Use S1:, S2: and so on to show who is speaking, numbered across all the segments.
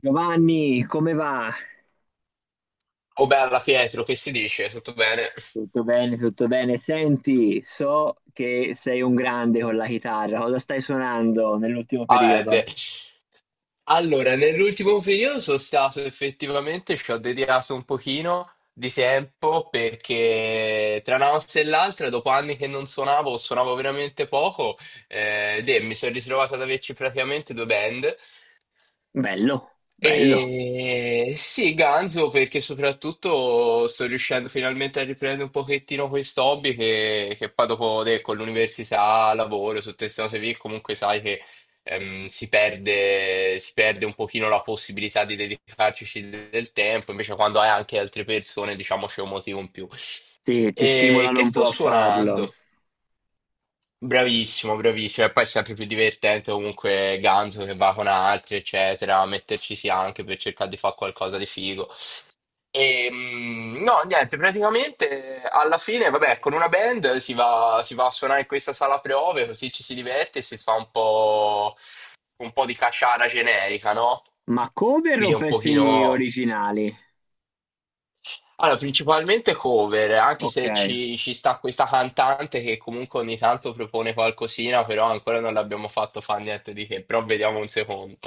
S1: Giovanni, come va?
S2: Oh bella Pietro, che si dice? Tutto bene?
S1: Tutto bene, tutto bene. Senti, so che sei un grande con la chitarra. Cosa stai suonando nell'ultimo
S2: Vabbè,
S1: periodo?
S2: allora, nell'ultimo periodo sono stato effettivamente, ci ho dedicato un pochino di tempo perché tra una mossa e l'altra, dopo anni che non suonavo, suonavo veramente poco, mi sono ritrovato ad averci praticamente due band.
S1: Bello, bello.
S2: E sì, Ganzo, perché soprattutto sto riuscendo finalmente a riprendere un pochettino questo hobby che poi dopo con l'università, lavoro, su queste cose lì, comunque sai che si perde un pochino la possibilità di dedicarci del tempo, invece quando hai anche altre persone, diciamo, c'è un motivo in più.
S1: Ti
S2: E
S1: stimolano
S2: che
S1: un
S2: sto
S1: po' a farlo.
S2: suonando? Bravissimo, bravissimo. E poi è sempre più divertente comunque Ganzo che va con altri, eccetera, metterci sì anche per cercare di fare qualcosa di figo. No, niente, praticamente alla fine, vabbè, con una band si va a suonare in questa sala prove, così ci si diverte e si fa un po' di caciara generica, no?
S1: Ma cover
S2: Quindi
S1: o
S2: è un
S1: pezzi
S2: pochino.
S1: originali?
S2: Allora, principalmente cover, anche
S1: Ok.
S2: se ci sta questa cantante che comunque ogni tanto propone qualcosina, però ancora non l'abbiamo fatto fare niente di che, però vediamo un secondo.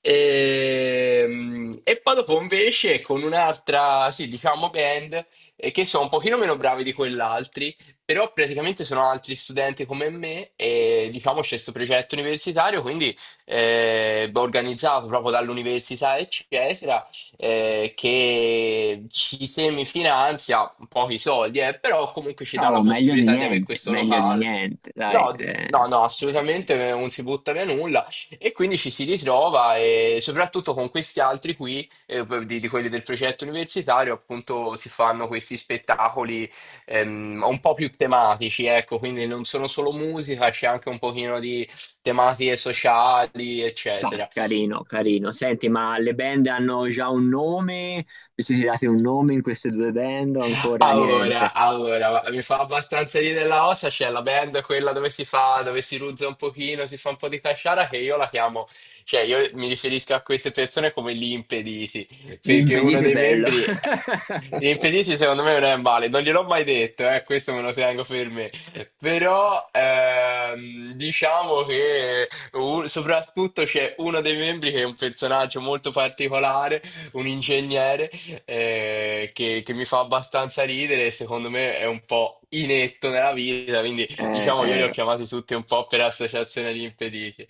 S2: E poi dopo invece con un'altra, sì, diciamo band, che sono un pochino meno bravi di quell'altri, però praticamente sono altri studenti come me e diciamo c'è questo progetto universitario, quindi organizzato proprio dall'università, eccetera, che ci semifinanzia pochi soldi, però comunque ci dà la
S1: No,
S2: possibilità di avere questo
S1: meglio di
S2: locale.
S1: niente, dai.
S2: No,
S1: Eh.
S2: no, no, assolutamente non si butta via nulla, e quindi ci si ritrova e soprattutto con questi altri qui, di quelli del progetto universitario, appunto si fanno questi spettacoli un po' più tematici, ecco, quindi non sono solo musica, c'è anche un pochino di tematiche sociali,
S1: Dai,
S2: eccetera.
S1: carino, carino. Senti, ma le band hanno già un nome? Vi siete dati un nome in queste due band o ancora
S2: Allora,
S1: niente?
S2: allora, mi fa abbastanza ridere la ossa, c'è la band quella dove si fa, dove si ruzza un pochino, si fa un po' di casciara, che io la chiamo, cioè io mi riferisco a queste persone come gli impediti,
S1: Gli
S2: perché uno
S1: impediti,
S2: dei
S1: bello.
S2: membri, gli impediti secondo me non è male, non gliel'ho mai detto, questo me lo tengo per me, però diciamo che soprattutto c'è uno dei membri che è un personaggio molto particolare, un ingegnere che mi fa abbastanza ridere e secondo me è un po' inetto nella vita, quindi
S1: Eh,
S2: diciamo io li ho
S1: eh,
S2: chiamati tutti un po' per associazione di impediti.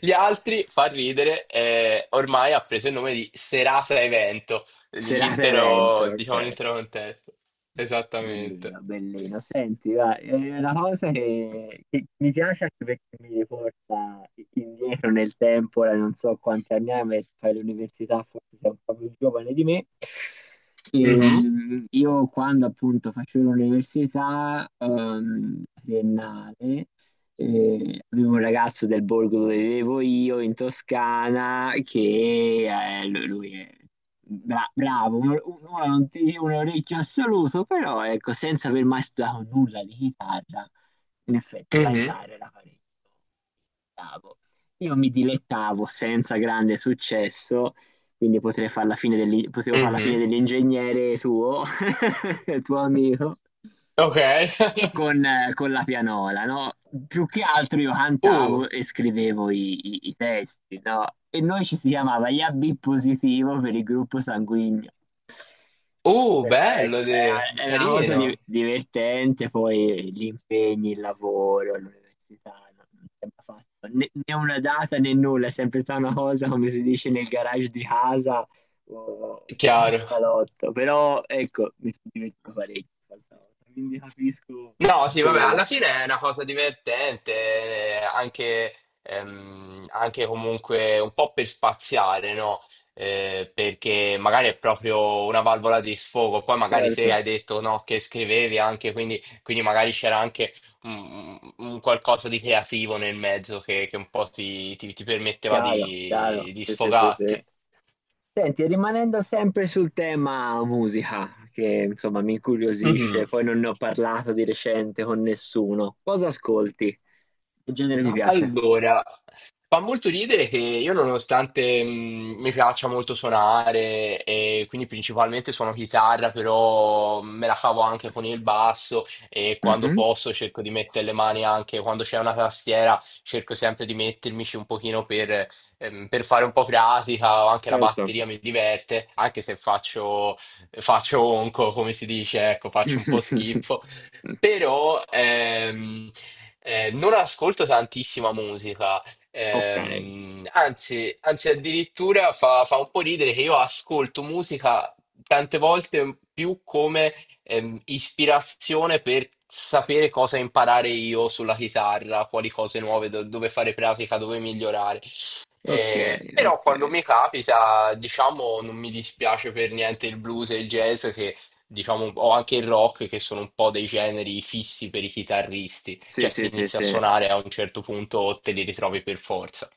S2: Gli altri, fa ridere, ormai ha preso il nome di serata evento,
S1: serata evento,
S2: l'intero,
S1: ok.
S2: diciamo, l'intero contesto. Esattamente.
S1: Bellino, bellino. Senti, va, è una cosa che mi piace anche perché mi riporta indietro nel tempo, ora non so quanti anni hai, ma fai l'università, forse sei un po' più giovane di me.
S2: Mhm,
S1: Io quando appunto facevo l'università triennale, e avevo un ragazzo del borgo dove vivevo io, in Toscana, che lui è bravo, ora non ti dico un orecchio assoluto, però ecco, senza aver mai studiato nulla di chitarra, in effetti la
S2: mhm,
S1: chitarra era parecchio bravo. Io mi dilettavo senza grande successo, quindi potrei far la fine dell'in- potevo fare la fine
S2: mhm.
S1: dell'ingegnere tuo, tuo amico
S2: Ok.
S1: con la pianola, no? Più che altro io
S2: Uh,
S1: cantavo e scrivevo i testi, no? E noi ci si chiamava gli AB positivo per il gruppo sanguigno. Però
S2: bello,
S1: ecco, è una cosa
S2: carino.
S1: divertente, poi gli impegni, il lavoro, l'università, non sembra fatto né una data né nulla, è sempre stata una cosa, come si dice, nel garage di casa o in
S2: Chiaro.
S1: salotto. Però ecco, mi sono divertito parecchio questa volta, quindi capisco
S2: No, sì, vabbè, alla
S1: che...
S2: fine è una cosa divertente, eh, anche, anche comunque un po' per spaziare, no? Perché magari è proprio una valvola di sfogo, poi magari se
S1: certo.
S2: hai detto no, che scrivevi anche, quindi magari c'era anche un qualcosa di creativo nel mezzo che un po' ti permetteva
S1: Chiaro, chiaro,
S2: di
S1: sì, sì, sì,
S2: sfogarti.
S1: sì. Senti, rimanendo sempre sul tema musica, che insomma mi
S2: Mhm.
S1: incuriosisce, poi non ne ho parlato di recente con nessuno. Cosa ascolti? Che genere ti piace?
S2: Allora, fa molto ridere che io nonostante mi piaccia molto suonare e quindi principalmente suono chitarra, però me la cavo anche con il basso, e quando
S1: Mhm,
S2: posso cerco di mettere le mani anche quando c'è una tastiera, cerco sempre di mettermici un pochino per fare un po' pratica, o anche la
S1: certo.
S2: batteria mi diverte, anche se faccio onco, come si dice, ecco, faccio un po' schifo, però non ascolto tantissima musica,
S1: Ok,
S2: anzi, anzi addirittura fa un po' ridere che io ascolto musica tante volte più come ispirazione per sapere cosa imparare io sulla chitarra, quali cose nuove, dove fare pratica, dove migliorare.
S1: ok,
S2: Però
S1: ok.
S2: quando mi capita, diciamo, non mi dispiace per niente il blues e il jazz, che diciamo, o anche il rock, che sono un po' dei generi fissi per i chitarristi,
S1: Sì,
S2: cioè se
S1: sì, sì,
S2: inizi a
S1: sì.
S2: suonare a un certo punto te li ritrovi per forza.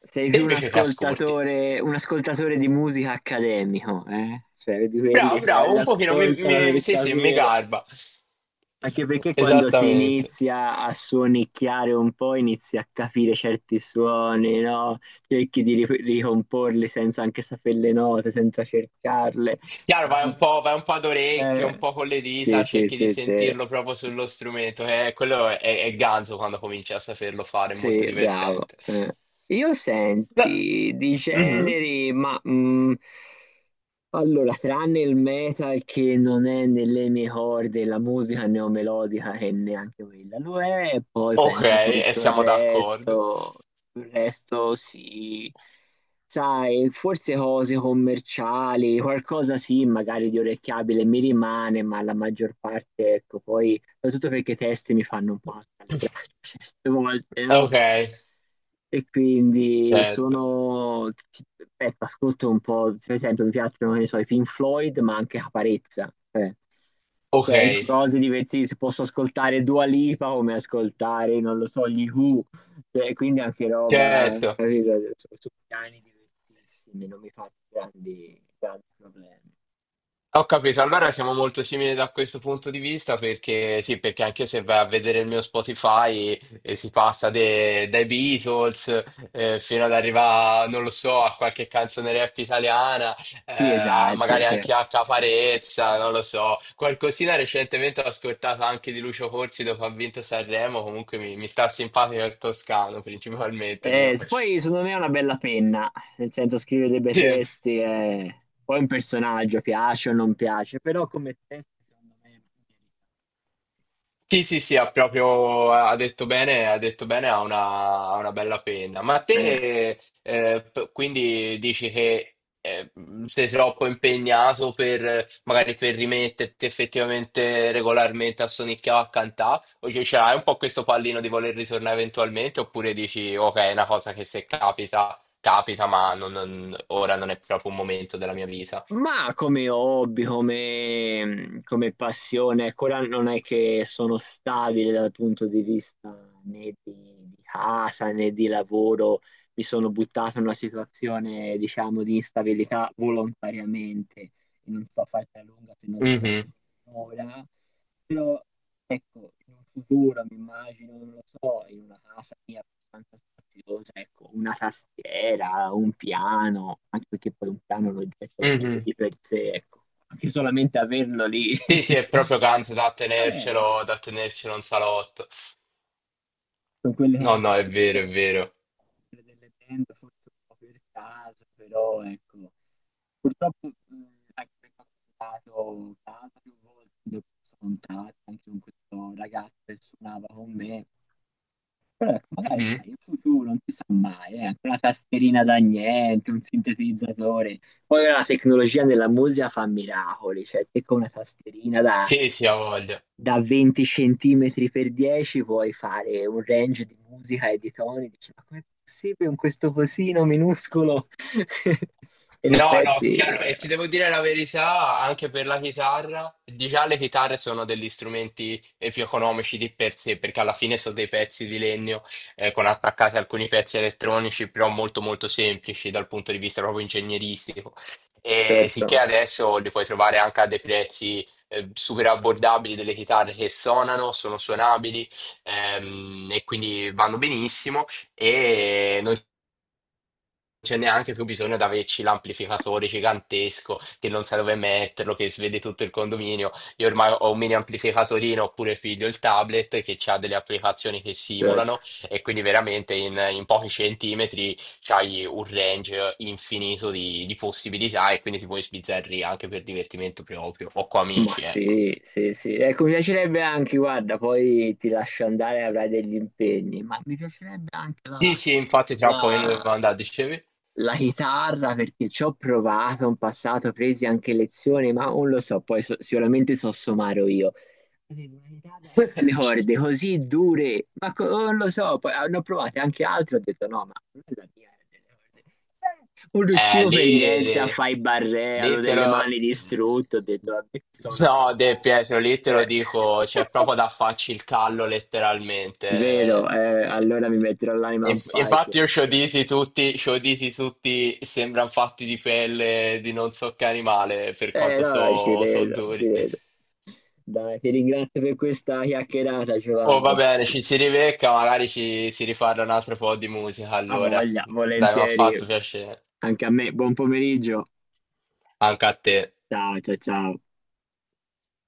S1: Sei
S2: Te
S1: più
S2: invece che ascolti?
S1: un ascoltatore di musica accademico, eh? Cioè, di quelli
S2: Bravo,
S1: che
S2: bravo,
S1: li
S2: un pochino
S1: ascoltano per
S2: sì, sì, mi
S1: capire.
S2: garba.
S1: Anche perché quando si
S2: Esattamente.
S1: inizia a suonicchiare un po', inizi a capire certi suoni, no? Cerchi di ricomporli senza anche sapere le note, senza cercarle.
S2: Chiaro, vai un po' ad orecchio, un
S1: Eh,
S2: po' con le
S1: sì,
S2: dita,
S1: sì,
S2: cerchi di
S1: sì, sì.
S2: sentirlo proprio sullo strumento, quello è ganzo quando cominci a saperlo fare, è molto
S1: Sì, bravo.
S2: divertente.
S1: Io
S2: No.
S1: senti di
S2: Mhm.
S1: generi, ma allora, tranne il metal che non è nelle mie corde, la musica neomelodica che neanche quella lo è, e poi
S2: Ok,
S1: penso
S2: e
S1: tutto
S2: siamo d'accordo.
S1: il resto sì, sai, forse cose commerciali, qualcosa sì, magari di orecchiabile mi rimane, ma la maggior parte, ecco, poi soprattutto perché i testi mi fanno un po' alzare le braccia certe volte, no?
S2: Ok,
S1: E quindi
S2: certo.
S1: sono, ecco, ascolto un po', per esempio mi piacciono, che ne so, i Pink Floyd, ma anche Caparezza, cioè,
S2: Ok,
S1: cioè, cose divertissime, posso ascoltare Dua Lipa come ascoltare, non lo so, gli Who, cioè, quindi anche roba,
S2: certo.
S1: capito? Su, su piani diversissimi, non mi fa grandi, grandi problemi.
S2: Ho capito, allora siamo molto simili da questo punto di vista perché sì, perché anche se vai a vedere il mio Spotify si passa dai Beatles, fino ad arrivare, non lo so, a qualche canzone rap italiana,
S1: Sì,
S2: a
S1: esatto,
S2: magari
S1: cioè.
S2: anche a Caparezza, non lo so. Qualcosina recentemente ho ascoltato anche di Lucio Corsi dopo ha vinto Sanremo, comunque mi sta simpatico il toscano principalmente, però.
S1: Se poi secondo me è una bella penna, nel senso scrive dei bei
S2: Sì.
S1: testi, e poi un personaggio piace o non piace, però come testo secondo me
S2: Sì, sì, sì, ha proprio, ha detto bene, ha detto bene, ha una bella penna. Ma
S1: merita.
S2: te, quindi dici che sei troppo impegnato per, magari per rimetterti effettivamente regolarmente a sonicchiare a cantare, o cioè, ce l'hai un po' questo pallino di voler ritornare eventualmente, oppure dici, ok, è una cosa che se capita, capita, ma ora non è proprio un momento della mia vita.
S1: Ma come hobby, come, come passione, ecco, ora non è che sono stabile dal punto di vista né di, di casa né di lavoro, mi sono buttato in una situazione, diciamo, di instabilità volontariamente, e non so farti a lunga se non ti tengo
S2: Mhm,
S1: ora, però ecco, in un futuro mi immagino, non lo so, in una casa mia abbastanza spaziosa, ecco, una tastiera, un piano, anche perché poi un piano è un oggetto bello
S2: mhm.
S1: di per sé, ecco, anche solamente averlo lì.
S2: Sì, sì, è proprio Kanz
S1: Mi piace.
S2: da
S1: Mi piace.
S2: tenercelo in salotto.
S1: Sono quelle
S2: No, no,
S1: cose
S2: è
S1: che
S2: vero, è
S1: succedono,
S2: vero.
S1: quelle delle band, forse un po' per caso, però ecco, purtroppo anche perché ho cambiato casa più volte, quindi ho perso contatti anche con questo ragazzo che suonava con me, però ecco, magari
S2: Mhm.
S1: sai, in futuro non si sa mai, anche una tastierina da niente, un sintetizzatore. Poi la tecnologia nella musica fa miracoli, cioè te con una tastierina
S2: Sì, sì, ha voglia.
S1: da 20 centimetri per 10 puoi fare un range di musica e di toni, dici, ma com'è possibile con questo cosino minuscolo? In
S2: No, no,
S1: effetti,
S2: chiaro, e ti devo dire la verità, anche per la chitarra, di già le chitarre sono degli strumenti più economici di per sé, perché alla fine sono dei pezzi di legno con attaccati alcuni pezzi elettronici, però molto molto semplici dal punto di vista proprio ingegneristico. E
S1: certo,
S2: sicché adesso li puoi trovare anche a dei prezzi super abbordabili, delle chitarre che suonano, sono suonabili, e quindi vanno benissimo. E noi c'è neanche più bisogno di averci l'amplificatore gigantesco che non sa dove metterlo, che svede tutto il condominio. Io ormai ho un mini amplificatorino oppure figlio il tablet che ha delle applicazioni che
S1: certo.
S2: simulano, e quindi veramente in pochi centimetri c'hai un range infinito di possibilità e quindi ti puoi sbizzarrire anche per divertimento proprio o con
S1: Ma
S2: amici, ecco.
S1: sì, sì, sì. Ecco, mi piacerebbe anche, guarda, poi ti lascio andare, avrai degli impegni, ma mi piacerebbe anche
S2: Sì, sì, infatti tra un po' io ne devo
S1: la-
S2: andare, dicevi?
S1: la chitarra perché ci ho provato in passato, presi anche lezioni, ma non lo so, poi sicuramente so suonare io. Avevo una chitarra con delle corde così dure, ma oh, non lo so, poi hanno provato anche altre, ho detto no, ma non è la mia, è delle corde. Non
S2: Eh,
S1: riuscivo per niente a
S2: lì,
S1: fare i barré, avevo
S2: lì te
S1: delle
S2: lo...
S1: mani distrutte, ho detto vabbè, sono una
S2: No, De
S1: mezza...
S2: Pietro, lì te lo
S1: Eh.
S2: dico, c'è proprio da farci il callo
S1: Vero,
S2: letteralmente. Eh,
S1: allora mi metterò l'anima in
S2: infatti
S1: pace.
S2: io ci ho diti tutti, ci ho diti tutti, sembrano fatti di pelle di non so che animale, per
S1: Eh
S2: quanto
S1: no, ci
S2: so
S1: credo, ci
S2: duri.
S1: credo. Dai, ti ringrazio per questa chiacchierata,
S2: Oh, va
S1: Giovanni.
S2: bene, ci si ribecca, magari ci si rifarà un altro po' di musica,
S1: A
S2: allora.
S1: voglia,
S2: Dai, mi ha
S1: volentieri.
S2: fatto piacere.
S1: Anche a me, buon pomeriggio.
S2: Anche a te.
S1: Ciao, ciao, ciao.